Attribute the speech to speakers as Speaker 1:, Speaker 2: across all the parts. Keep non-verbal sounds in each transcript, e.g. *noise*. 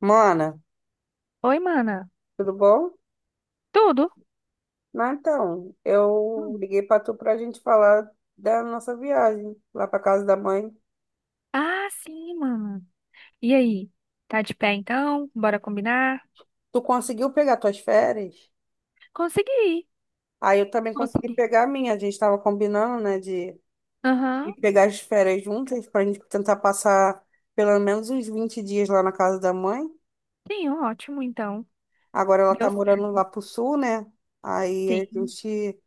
Speaker 1: Mana,
Speaker 2: Oi, mana.
Speaker 1: tudo bom?
Speaker 2: Tudo?
Speaker 1: Não, então, eu
Speaker 2: Hum.
Speaker 1: liguei pra tu pra gente falar da nossa viagem lá pra casa da mãe.
Speaker 2: Ah, sim, mana. E aí? Tá de pé então? Bora combinar?
Speaker 1: Tu conseguiu pegar tuas férias?
Speaker 2: Consegui.
Speaker 1: Aí eu também consegui
Speaker 2: Consegui.
Speaker 1: pegar a minha. A gente tava combinando, né, de ir
Speaker 2: Aham.
Speaker 1: pegar as férias juntas pra gente tentar passar pelo menos uns 20 dias lá na casa da mãe.
Speaker 2: Sim, ótimo, então.
Speaker 1: Agora ela
Speaker 2: Deu
Speaker 1: tá morando lá
Speaker 2: certo.
Speaker 1: pro sul, né? Aí a
Speaker 2: Sim,
Speaker 1: gente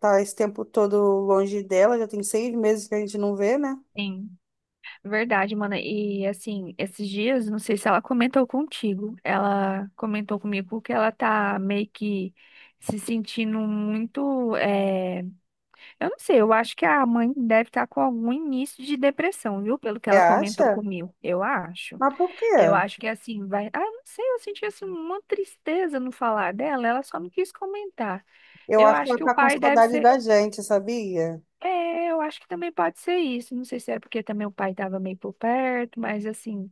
Speaker 1: tá esse tempo todo longe dela, já tem seis meses que a gente não vê, né?
Speaker 2: sim. Verdade, mana. E assim, esses dias, não sei se ela comentou contigo. Ela comentou comigo que ela tá meio que se sentindo muito. Eu não sei, eu acho que a mãe deve estar com algum início de depressão, viu? Pelo que
Speaker 1: Você
Speaker 2: ela comentou
Speaker 1: acha?
Speaker 2: comigo. Eu acho.
Speaker 1: Mas por quê?
Speaker 2: Eu acho que assim, vai. Ah, não sei, eu senti assim uma tristeza no falar dela, ela só não quis comentar.
Speaker 1: Eu
Speaker 2: Eu
Speaker 1: acho que
Speaker 2: acho
Speaker 1: ela
Speaker 2: que o
Speaker 1: tá com
Speaker 2: pai deve
Speaker 1: saudade
Speaker 2: ser.
Speaker 1: da gente, sabia?
Speaker 2: É, eu acho que também pode ser isso. Não sei se é porque também o pai estava meio por perto, mas assim,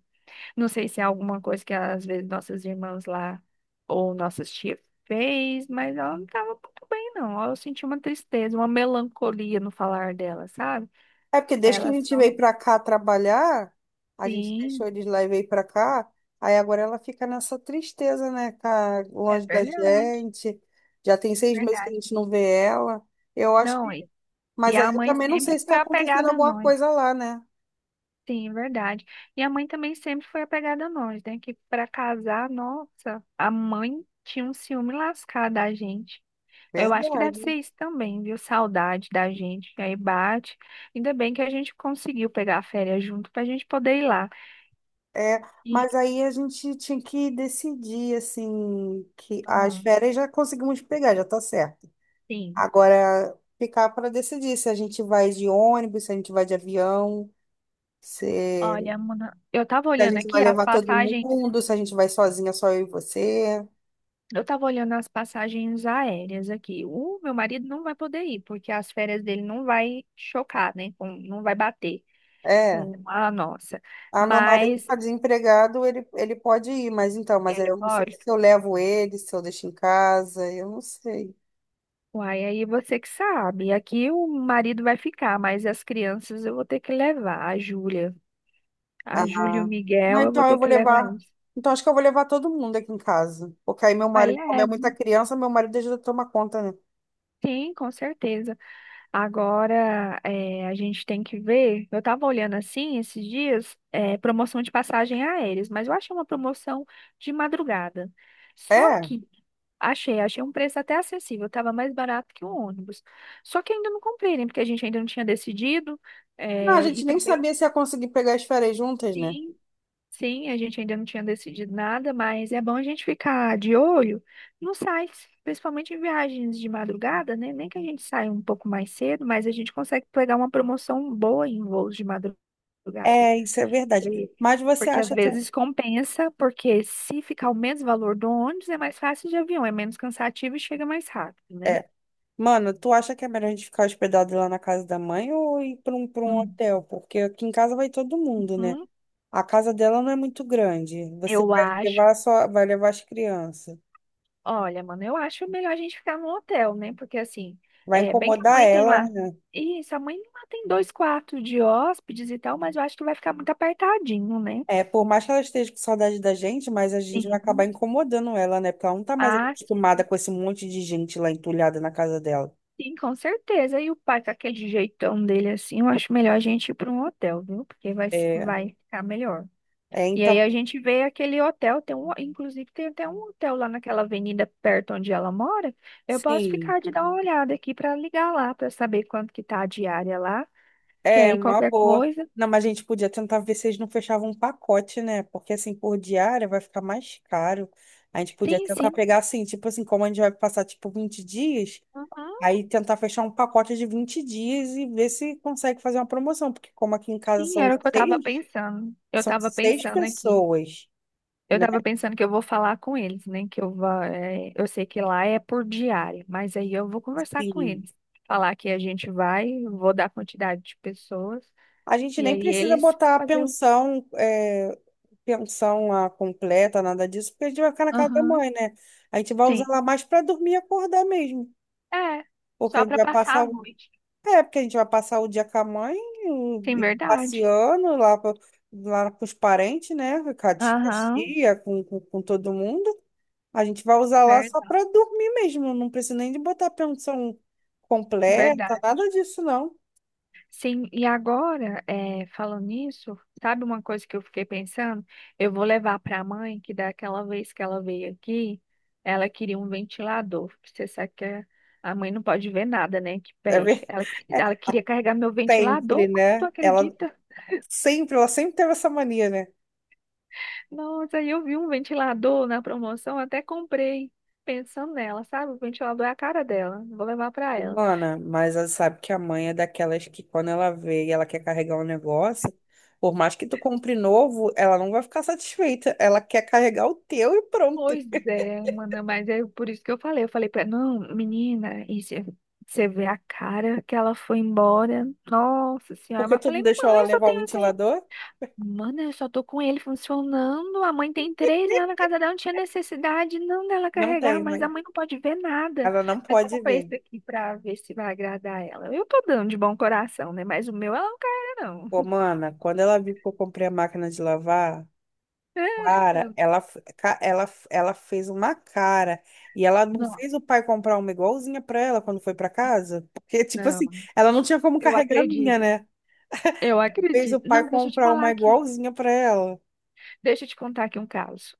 Speaker 2: não sei se é alguma coisa que às vezes nossas irmãs lá ou nossas tias fez, mas ela não estava muito bem, não. Eu senti uma tristeza, uma melancolia no falar dela, sabe?
Speaker 1: É porque desde que
Speaker 2: Ela
Speaker 1: a gente
Speaker 2: só.
Speaker 1: veio pra cá trabalhar, a gente deixou
Speaker 2: Sim,
Speaker 1: eles lá e veio pra cá, aí agora ela fica nessa tristeza, né? Tá
Speaker 2: é
Speaker 1: longe da
Speaker 2: verdade,
Speaker 1: gente. Já tem seis meses que a
Speaker 2: verdade.
Speaker 1: gente não vê ela. Eu acho
Speaker 2: Não,
Speaker 1: que.
Speaker 2: e
Speaker 1: Mas aí
Speaker 2: a
Speaker 1: eu
Speaker 2: mãe
Speaker 1: também não sei
Speaker 2: sempre
Speaker 1: se
Speaker 2: foi
Speaker 1: tá acontecendo
Speaker 2: apegada a
Speaker 1: alguma
Speaker 2: nós.
Speaker 1: coisa lá, né?
Speaker 2: Sim, é verdade. E a mãe também sempre foi apegada a nós, né? Que para casar, nossa, a mãe tinha um ciúme lascado da gente. Eu acho que deve ser
Speaker 1: Verdade.
Speaker 2: isso também, viu? Saudade da gente. E aí bate. Ainda bem que a gente conseguiu pegar a férias junto pra gente poder ir lá.
Speaker 1: É,
Speaker 2: E,
Speaker 1: mas aí a gente tinha que decidir, assim, que as
Speaker 2: ah,
Speaker 1: férias já conseguimos pegar, já tá certo.
Speaker 2: sim.
Speaker 1: Agora, ficar para decidir se a gente vai de ônibus, se a gente vai de avião, se,
Speaker 2: Olha, Mona, eu tava
Speaker 1: se a
Speaker 2: olhando
Speaker 1: gente vai
Speaker 2: aqui as
Speaker 1: levar todo
Speaker 2: passagens.
Speaker 1: mundo, se a gente vai sozinha, só eu e você.
Speaker 2: Eu estava olhando as passagens aéreas aqui. O meu marido não vai poder ir, porque as férias dele não vai chocar, né? Não vai bater
Speaker 1: É.
Speaker 2: com a nossa.
Speaker 1: Ah, meu marido
Speaker 2: Mas
Speaker 1: está desempregado, ele pode ir, mas então, mas aí
Speaker 2: ele
Speaker 1: eu não sei
Speaker 2: pode.
Speaker 1: se eu levo ele, se eu deixo em casa, eu não sei.
Speaker 2: Uai, aí você que sabe. Aqui o marido vai ficar, mas as crianças eu vou ter que levar. A Júlia,
Speaker 1: Ah,
Speaker 2: a Júlia e o
Speaker 1: não,
Speaker 2: Miguel eu vou
Speaker 1: então eu
Speaker 2: ter
Speaker 1: vou
Speaker 2: que levar
Speaker 1: levar.
Speaker 2: eles.
Speaker 1: Então acho que eu vou levar todo mundo aqui em casa. Porque aí meu
Speaker 2: Mas
Speaker 1: marido, como é
Speaker 2: leva,
Speaker 1: muita criança, meu marido ajuda a tomar conta, né?
Speaker 2: sim, com certeza. Agora, a gente tem que ver. Eu estava olhando assim esses dias, promoção de passagem aéreas, mas eu achei uma promoção de madrugada. Só
Speaker 1: É.
Speaker 2: que achei um preço até acessível, estava mais barato que o ônibus. Só que ainda não comprei, né? Porque a gente ainda não tinha decidido.
Speaker 1: Não, a
Speaker 2: E
Speaker 1: gente nem
Speaker 2: também
Speaker 1: sabia se ia conseguir pegar as férias juntas, né?
Speaker 2: sim. Sim, a gente ainda não tinha decidido nada, mas é bom a gente ficar de olho nos sites, principalmente em viagens de madrugada, né? Nem que a gente saia um pouco mais cedo, mas a gente consegue pegar uma promoção boa em voos de madrugada. porque
Speaker 1: É, isso é verdade. Mas você
Speaker 2: Porque às
Speaker 1: acha.
Speaker 2: vezes compensa, porque se ficar o mesmo valor do ônibus, é mais fácil de avião, é menos cansativo e chega mais rápido, né?
Speaker 1: É. Mano, tu acha que é melhor a gente ficar hospedado lá na casa da mãe ou ir para um hotel? Porque aqui em casa vai todo mundo, né?
Speaker 2: Uhum.
Speaker 1: A casa dela não é muito grande. Você
Speaker 2: Eu
Speaker 1: vai
Speaker 2: acho.
Speaker 1: levar só, vai levar as crianças.
Speaker 2: Olha, mano, eu acho melhor a gente ficar no hotel, né? Porque assim,
Speaker 1: Vai
Speaker 2: é bem que a
Speaker 1: incomodar
Speaker 2: mãe tem
Speaker 1: ela,
Speaker 2: lá.
Speaker 1: né?
Speaker 2: Isso, a mãe lá tem dois quartos de hóspedes e tal, mas eu acho que vai ficar muito apertadinho, né?
Speaker 1: É, por mais que ela esteja com saudade da gente, mas a gente vai acabar
Speaker 2: Sim.
Speaker 1: incomodando ela, né? Porque ela não tá mais
Speaker 2: Ah,
Speaker 1: acostumada com esse monte de gente lá entulhada na casa dela.
Speaker 2: sim, com certeza. E o pai com aquele jeitão dele assim, eu acho melhor a gente ir para um hotel, viu? Porque vai,
Speaker 1: É,
Speaker 2: vai ficar melhor.
Speaker 1: é
Speaker 2: E aí
Speaker 1: então,
Speaker 2: a gente vê aquele hotel, tem um, inclusive tem até um hotel lá naquela avenida perto onde ela mora. Eu posso
Speaker 1: sim.
Speaker 2: ficar de dar uma olhada aqui para ligar lá para saber quanto que tá a diária lá. Que
Speaker 1: É,
Speaker 2: aí
Speaker 1: uma
Speaker 2: qualquer
Speaker 1: boa.
Speaker 2: coisa.
Speaker 1: Não, mas a gente podia tentar ver se eles não fechavam um pacote, né? Porque assim, por diária vai ficar mais caro. A gente podia
Speaker 2: Sim,
Speaker 1: tentar
Speaker 2: sim.
Speaker 1: pegar assim, tipo assim, como a gente vai passar tipo 20 dias,
Speaker 2: Uhum,
Speaker 1: aí tentar fechar um pacote de 20 dias e ver se consegue fazer uma promoção. Porque como aqui em casa
Speaker 2: sim, era o que eu tava pensando. Eu
Speaker 1: são
Speaker 2: tava
Speaker 1: seis
Speaker 2: pensando aqui.
Speaker 1: pessoas,
Speaker 2: Eu
Speaker 1: né?
Speaker 2: tava pensando que eu vou falar com eles, né? Que eu vou, eu sei que lá é por diária, mas aí eu vou conversar com
Speaker 1: Assim,
Speaker 2: eles. Falar que a gente vai, vou dar quantidade de pessoas,
Speaker 1: a gente
Speaker 2: e
Speaker 1: nem
Speaker 2: aí
Speaker 1: precisa
Speaker 2: eles
Speaker 1: botar a
Speaker 2: fazer o.
Speaker 1: pensão, pensão lá completa, nada disso, porque a gente vai ficar na casa da
Speaker 2: Aham,
Speaker 1: mãe, né? A gente vai usar
Speaker 2: sim.
Speaker 1: ela mais para dormir e acordar mesmo.
Speaker 2: É,
Speaker 1: Porque a
Speaker 2: só
Speaker 1: gente
Speaker 2: pra
Speaker 1: vai
Speaker 2: passar
Speaker 1: passar.
Speaker 2: a noite.
Speaker 1: É, porque a gente vai passar o dia com a mãe,
Speaker 2: Sim,
Speaker 1: e
Speaker 2: verdade.
Speaker 1: passeando lá, lá com os parentes, né? Com a tia,
Speaker 2: Aham.
Speaker 1: tia, com todo mundo. A gente vai usar lá só
Speaker 2: Verdade,
Speaker 1: para dormir mesmo. Não precisa nem de botar pensão completa,
Speaker 2: verdade.
Speaker 1: nada disso, não.
Speaker 2: Sim, e agora, falando nisso, sabe uma coisa que eu fiquei pensando? Eu vou levar para a mãe que daquela vez que ela veio aqui, ela queria um ventilador. Porque Você sabe que a mãe não pode ver nada, né? Que
Speaker 1: É
Speaker 2: pede.
Speaker 1: ver-
Speaker 2: Ela,
Speaker 1: *laughs* é
Speaker 2: ela queria carregar meu
Speaker 1: sempre,
Speaker 2: ventilador, mano, tu
Speaker 1: né?
Speaker 2: acredita?
Speaker 1: Sempre, ela sempre teve essa mania, né?
Speaker 2: Nossa, aí eu vi um ventilador na promoção, até comprei, pensando nela, sabe? O ventilador é a cara dela. Vou levar para ela.
Speaker 1: Humana, mas ela sabe que a mãe é daquelas que quando ela vê e ela quer carregar um negócio, por mais que tu compre novo, ela não vai ficar satisfeita. Ela quer carregar o teu e pronto.
Speaker 2: Pois é, mana, mas é por isso que eu falei. Eu falei pra ela, não, menina, você vê a cara que ela foi embora. Nossa senhora,
Speaker 1: Porque
Speaker 2: mas eu
Speaker 1: tu não
Speaker 2: falei,
Speaker 1: deixou
Speaker 2: mãe,
Speaker 1: ela
Speaker 2: eu só
Speaker 1: levar o
Speaker 2: tenho assim.
Speaker 1: ventilador?
Speaker 2: Mana, eu só tô com ele funcionando. A mãe tem três lá na casa dela, não tinha necessidade não dela
Speaker 1: Não
Speaker 2: carregar,
Speaker 1: tem,
Speaker 2: mas a
Speaker 1: mãe.
Speaker 2: mãe não pode ver nada.
Speaker 1: Ela não
Speaker 2: Aí eu
Speaker 1: pode
Speaker 2: comprei
Speaker 1: ver.
Speaker 2: esse aqui pra ver se vai agradar ela. Eu tô dando de bom coração, né? Mas o meu ela não carrega,
Speaker 1: Pô,
Speaker 2: não.
Speaker 1: mana, quando ela viu que eu comprei a máquina de lavar, cara,
Speaker 2: *laughs*
Speaker 1: ela fez uma cara. E ela não
Speaker 2: Não,
Speaker 1: fez o pai comprar uma igualzinha pra ela quando foi pra casa. *laughs* Porque, tipo
Speaker 2: não,
Speaker 1: assim, ela não tinha como
Speaker 2: eu
Speaker 1: carregar a minha,
Speaker 2: acredito.
Speaker 1: né?
Speaker 2: Eu
Speaker 1: Fez o
Speaker 2: acredito.
Speaker 1: pai
Speaker 2: Não, deixa eu te
Speaker 1: comprar
Speaker 2: falar
Speaker 1: uma
Speaker 2: aqui.
Speaker 1: igualzinha pra ela.
Speaker 2: Deixa eu te contar aqui um caso.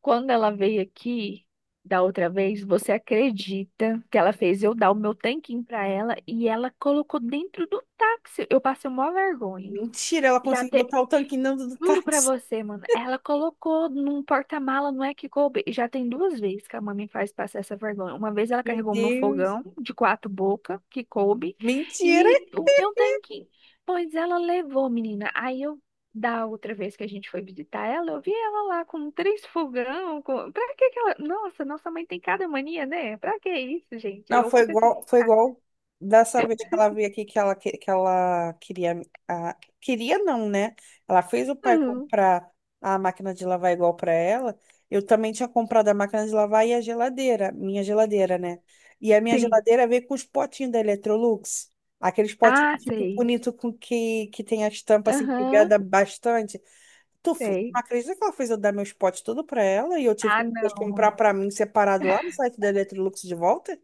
Speaker 2: Quando ela veio aqui da outra vez, você acredita que ela fez eu dar o meu tanquinho pra ela e ela colocou dentro do táxi? Eu passei uma vergonha.
Speaker 1: Mentira, ela
Speaker 2: Já
Speaker 1: conseguiu
Speaker 2: teve.
Speaker 1: botar o tanquinho dentro do
Speaker 2: Juro pra
Speaker 1: táxi.
Speaker 2: você, mano. Ela colocou num porta-mala, não é que coube. E já tem duas vezes que a mãe me faz passar essa vergonha. Uma vez ela
Speaker 1: Meu
Speaker 2: carregou meu
Speaker 1: Deus.
Speaker 2: fogão de quatro bocas, que coube,
Speaker 1: Mentira!
Speaker 2: e o meu tanquinho. Pois ela levou, menina. Aí eu, da outra vez que a gente foi visitar ela, eu vi ela lá com três fogão. Com... Pra que que ela. Nossa, nossa mãe tem cada mania, né? Pra que isso, gente?
Speaker 1: Não,
Speaker 2: Eu fico assim.
Speaker 1: foi
Speaker 2: Ah,
Speaker 1: igual dessa vez que ela veio aqui que que ela queria. A, Queria não, né? Ela fez o pai
Speaker 2: hum,
Speaker 1: comprar a máquina de lavar igual para ela. Eu também tinha comprado a máquina de lavar e a geladeira, minha geladeira, né? E a minha
Speaker 2: sim.
Speaker 1: geladeira veio com os potinhos da Electrolux, aqueles potinhos
Speaker 2: Ah,
Speaker 1: tipo
Speaker 2: sei.
Speaker 1: bonito que tem a estampa assim que
Speaker 2: Aham,
Speaker 1: veda bastante. Tu
Speaker 2: sei.
Speaker 1: acredita que ela fez eu dar meus potes tudo para ela e eu tive que
Speaker 2: Ah,
Speaker 1: depois
Speaker 2: não,
Speaker 1: comprar
Speaker 2: mano.
Speaker 1: para mim separado lá no site da Electrolux de volta?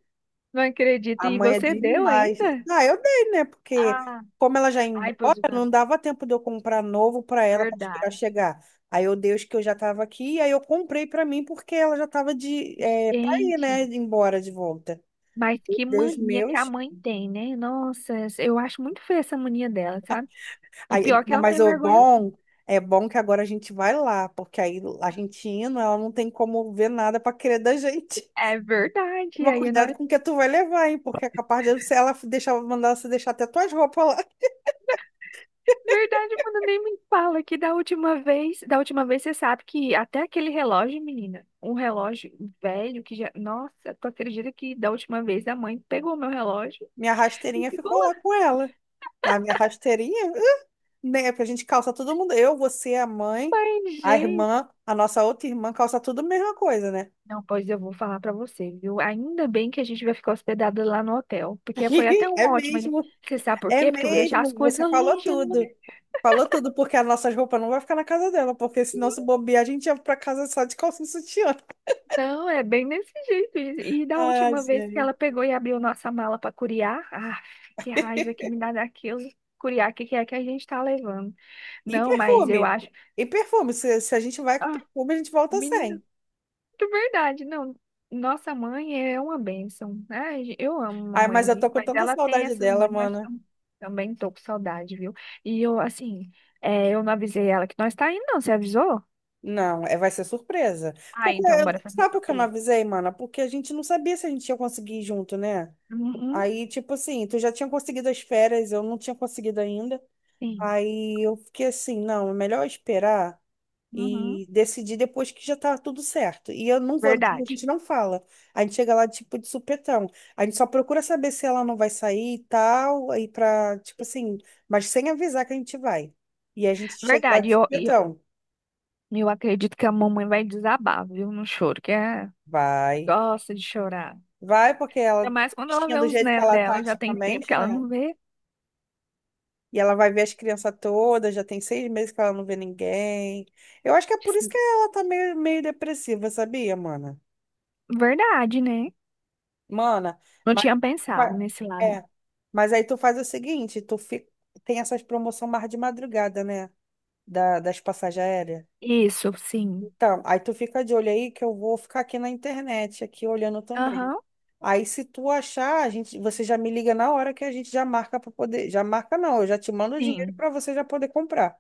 Speaker 2: Não acredito.
Speaker 1: A
Speaker 2: E
Speaker 1: mãe é
Speaker 2: você deu
Speaker 1: demais.
Speaker 2: ainda?
Speaker 1: Ah, eu dei, né? Porque
Speaker 2: Ah,
Speaker 1: como ela já ia
Speaker 2: ai,
Speaker 1: embora,
Speaker 2: pois é,
Speaker 1: não dava tempo de eu comprar novo para ela para esperar
Speaker 2: verdade.
Speaker 1: chegar. Aí eu dei os que eu já estava aqui, aí eu comprei para mim porque ela já estava de para ir,
Speaker 2: Gente,
Speaker 1: né? Embora de volta.
Speaker 2: mas que
Speaker 1: Deus
Speaker 2: mania que a
Speaker 1: meus.
Speaker 2: mãe tem, né? Nossa, eu acho muito feia essa mania dela, sabe? E
Speaker 1: Aí,
Speaker 2: pior que ela não
Speaker 1: mas
Speaker 2: tem
Speaker 1: o
Speaker 2: vergonha.
Speaker 1: bom é bom que agora a gente vai lá, porque aí a gente indo, ela não tem como ver nada para querer da gente. *laughs*
Speaker 2: É verdade.
Speaker 1: Mas
Speaker 2: Aí
Speaker 1: cuidado
Speaker 2: nós.
Speaker 1: com o que tu vai levar, hein? Porque é capaz de se ela deixar, mandar você deixar até tuas roupas lá.
Speaker 2: Verdade, mano, nem me fala que da última vez você sabe que até aquele relógio, menina, um relógio velho que já, nossa, tu acredita que da última vez a mãe pegou meu relógio
Speaker 1: Minha
Speaker 2: e
Speaker 1: rasteirinha
Speaker 2: ficou
Speaker 1: ficou lá
Speaker 2: lá.
Speaker 1: com ela. A minha rasteirinha, né? Porque a gente calça todo mundo. Eu, você, a mãe,
Speaker 2: Pai.
Speaker 1: a irmã, a nossa outra irmã calça tudo a mesma coisa, né?
Speaker 2: Não, pois eu vou falar pra você, viu? Ainda bem que a gente vai ficar hospedado lá no hotel, porque foi até
Speaker 1: *laughs*
Speaker 2: um
Speaker 1: É
Speaker 2: ótimo.
Speaker 1: mesmo,
Speaker 2: Você sabe por
Speaker 1: é
Speaker 2: quê? Porque eu vou deixar as
Speaker 1: mesmo. Você
Speaker 2: coisas
Speaker 1: falou
Speaker 2: longe. Não,
Speaker 1: tudo. Falou tudo, porque as nossas roupas não vai ficar na casa dela, porque senão se bobear, a gente ia pra casa só de calcinha e sutiã.
Speaker 2: não, é bem desse jeito. E da
Speaker 1: Ai,
Speaker 2: última vez que
Speaker 1: gente.
Speaker 2: ela pegou e abriu nossa mala pra curiar, ah, que raiva que me dá daquilo. Curiar, o que que é que a gente tá levando?
Speaker 1: E
Speaker 2: Não, mas eu
Speaker 1: perfume?
Speaker 2: acho.
Speaker 1: E perfume? Se a gente vai com
Speaker 2: Ah,
Speaker 1: perfume, a gente volta
Speaker 2: menina.
Speaker 1: sem.
Speaker 2: É verdade, não. Nossa mãe é uma bênção. Ai, eu amo a
Speaker 1: Ai, mas eu tô
Speaker 2: mamãezinha,
Speaker 1: com
Speaker 2: mas
Speaker 1: tanta
Speaker 2: ela tem
Speaker 1: saudade
Speaker 2: essas
Speaker 1: dela,
Speaker 2: manias.
Speaker 1: mano.
Speaker 2: Também tô com saudade, viu? E eu, assim, eu não avisei ela que nós tá indo, não. Você avisou?
Speaker 1: Não, é, vai ser surpresa.
Speaker 2: Ah,
Speaker 1: Porque,
Speaker 2: então bora fazer uma
Speaker 1: sabe por que eu não
Speaker 2: surpresa.
Speaker 1: avisei, mana? Porque a gente não sabia se a gente ia conseguir ir junto, né?
Speaker 2: Uhum,
Speaker 1: Aí, tipo assim, tu já tinha conseguido as férias, eu não tinha conseguido ainda.
Speaker 2: sim.
Speaker 1: Aí eu fiquei assim, não, é melhor esperar
Speaker 2: Uhum,
Speaker 1: e decidir depois que já tá tudo certo. E eu não vou, a
Speaker 2: verdade.
Speaker 1: gente não fala. A gente chega lá, tipo, de supetão. A gente só procura saber se ela não vai sair e tal, aí pra, tipo assim, mas sem avisar que a gente vai. E a gente chega lá
Speaker 2: Verdade. E
Speaker 1: de
Speaker 2: Eu, eu,
Speaker 1: supetão.
Speaker 2: eu acredito que a mamãe vai desabar, viu, no choro, que é,
Speaker 1: Vai.
Speaker 2: gosta de chorar.
Speaker 1: Vai, porque
Speaker 2: Ainda
Speaker 1: ela,
Speaker 2: mais quando ela
Speaker 1: tristinha
Speaker 2: vê
Speaker 1: do
Speaker 2: os
Speaker 1: jeito que
Speaker 2: netos
Speaker 1: ela tá
Speaker 2: dela, já tem tempo que
Speaker 1: ultimamente,
Speaker 2: ela
Speaker 1: né?
Speaker 2: não vê.
Speaker 1: E ela vai ver as crianças todas, já tem 6 meses que ela não vê ninguém. Eu acho que é por isso que ela tá meio, meio depressiva, sabia, mana?
Speaker 2: Verdade, né?
Speaker 1: Mana,
Speaker 2: Não
Speaker 1: mas,
Speaker 2: tinha pensado
Speaker 1: fa-
Speaker 2: nesse lado.
Speaker 1: é, mas aí tu faz o seguinte, tu fica, tem essas promoções mais de madrugada, né? Das passagens aéreas.
Speaker 2: Isso, sim.
Speaker 1: Tá, aí tu fica de olho aí que eu vou ficar aqui na internet, aqui olhando também.
Speaker 2: Aham,
Speaker 1: Aí se tu achar, a gente, você já me liga na hora que a gente já marca para poder, já marca não, eu já te mando o dinheiro
Speaker 2: sim.
Speaker 1: para você já poder comprar.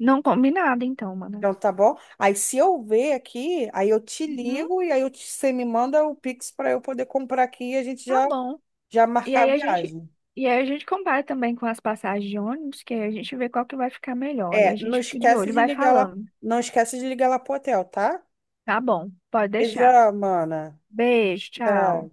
Speaker 2: Não, combinado, então, mano.
Speaker 1: Então tá bom? Aí se eu ver aqui, aí eu te
Speaker 2: Uhum,
Speaker 1: ligo e aí você me manda o Pix para eu poder comprar aqui e a gente
Speaker 2: tá
Speaker 1: já
Speaker 2: bom.
Speaker 1: já
Speaker 2: E
Speaker 1: marcar
Speaker 2: aí
Speaker 1: a
Speaker 2: a gente,
Speaker 1: viagem.
Speaker 2: e aí a gente compara também com as passagens de ônibus, que aí a gente vê qual que vai ficar melhor. E
Speaker 1: É,
Speaker 2: a
Speaker 1: não
Speaker 2: gente fica de
Speaker 1: esquece
Speaker 2: olho, e
Speaker 1: de
Speaker 2: vai
Speaker 1: ligar lá,
Speaker 2: falando.
Speaker 1: não esquece de ligar lá pro hotel, tá?
Speaker 2: Tá bom, pode deixar.
Speaker 1: Beijo, mana.
Speaker 2: Beijo, tchau.
Speaker 1: Tá.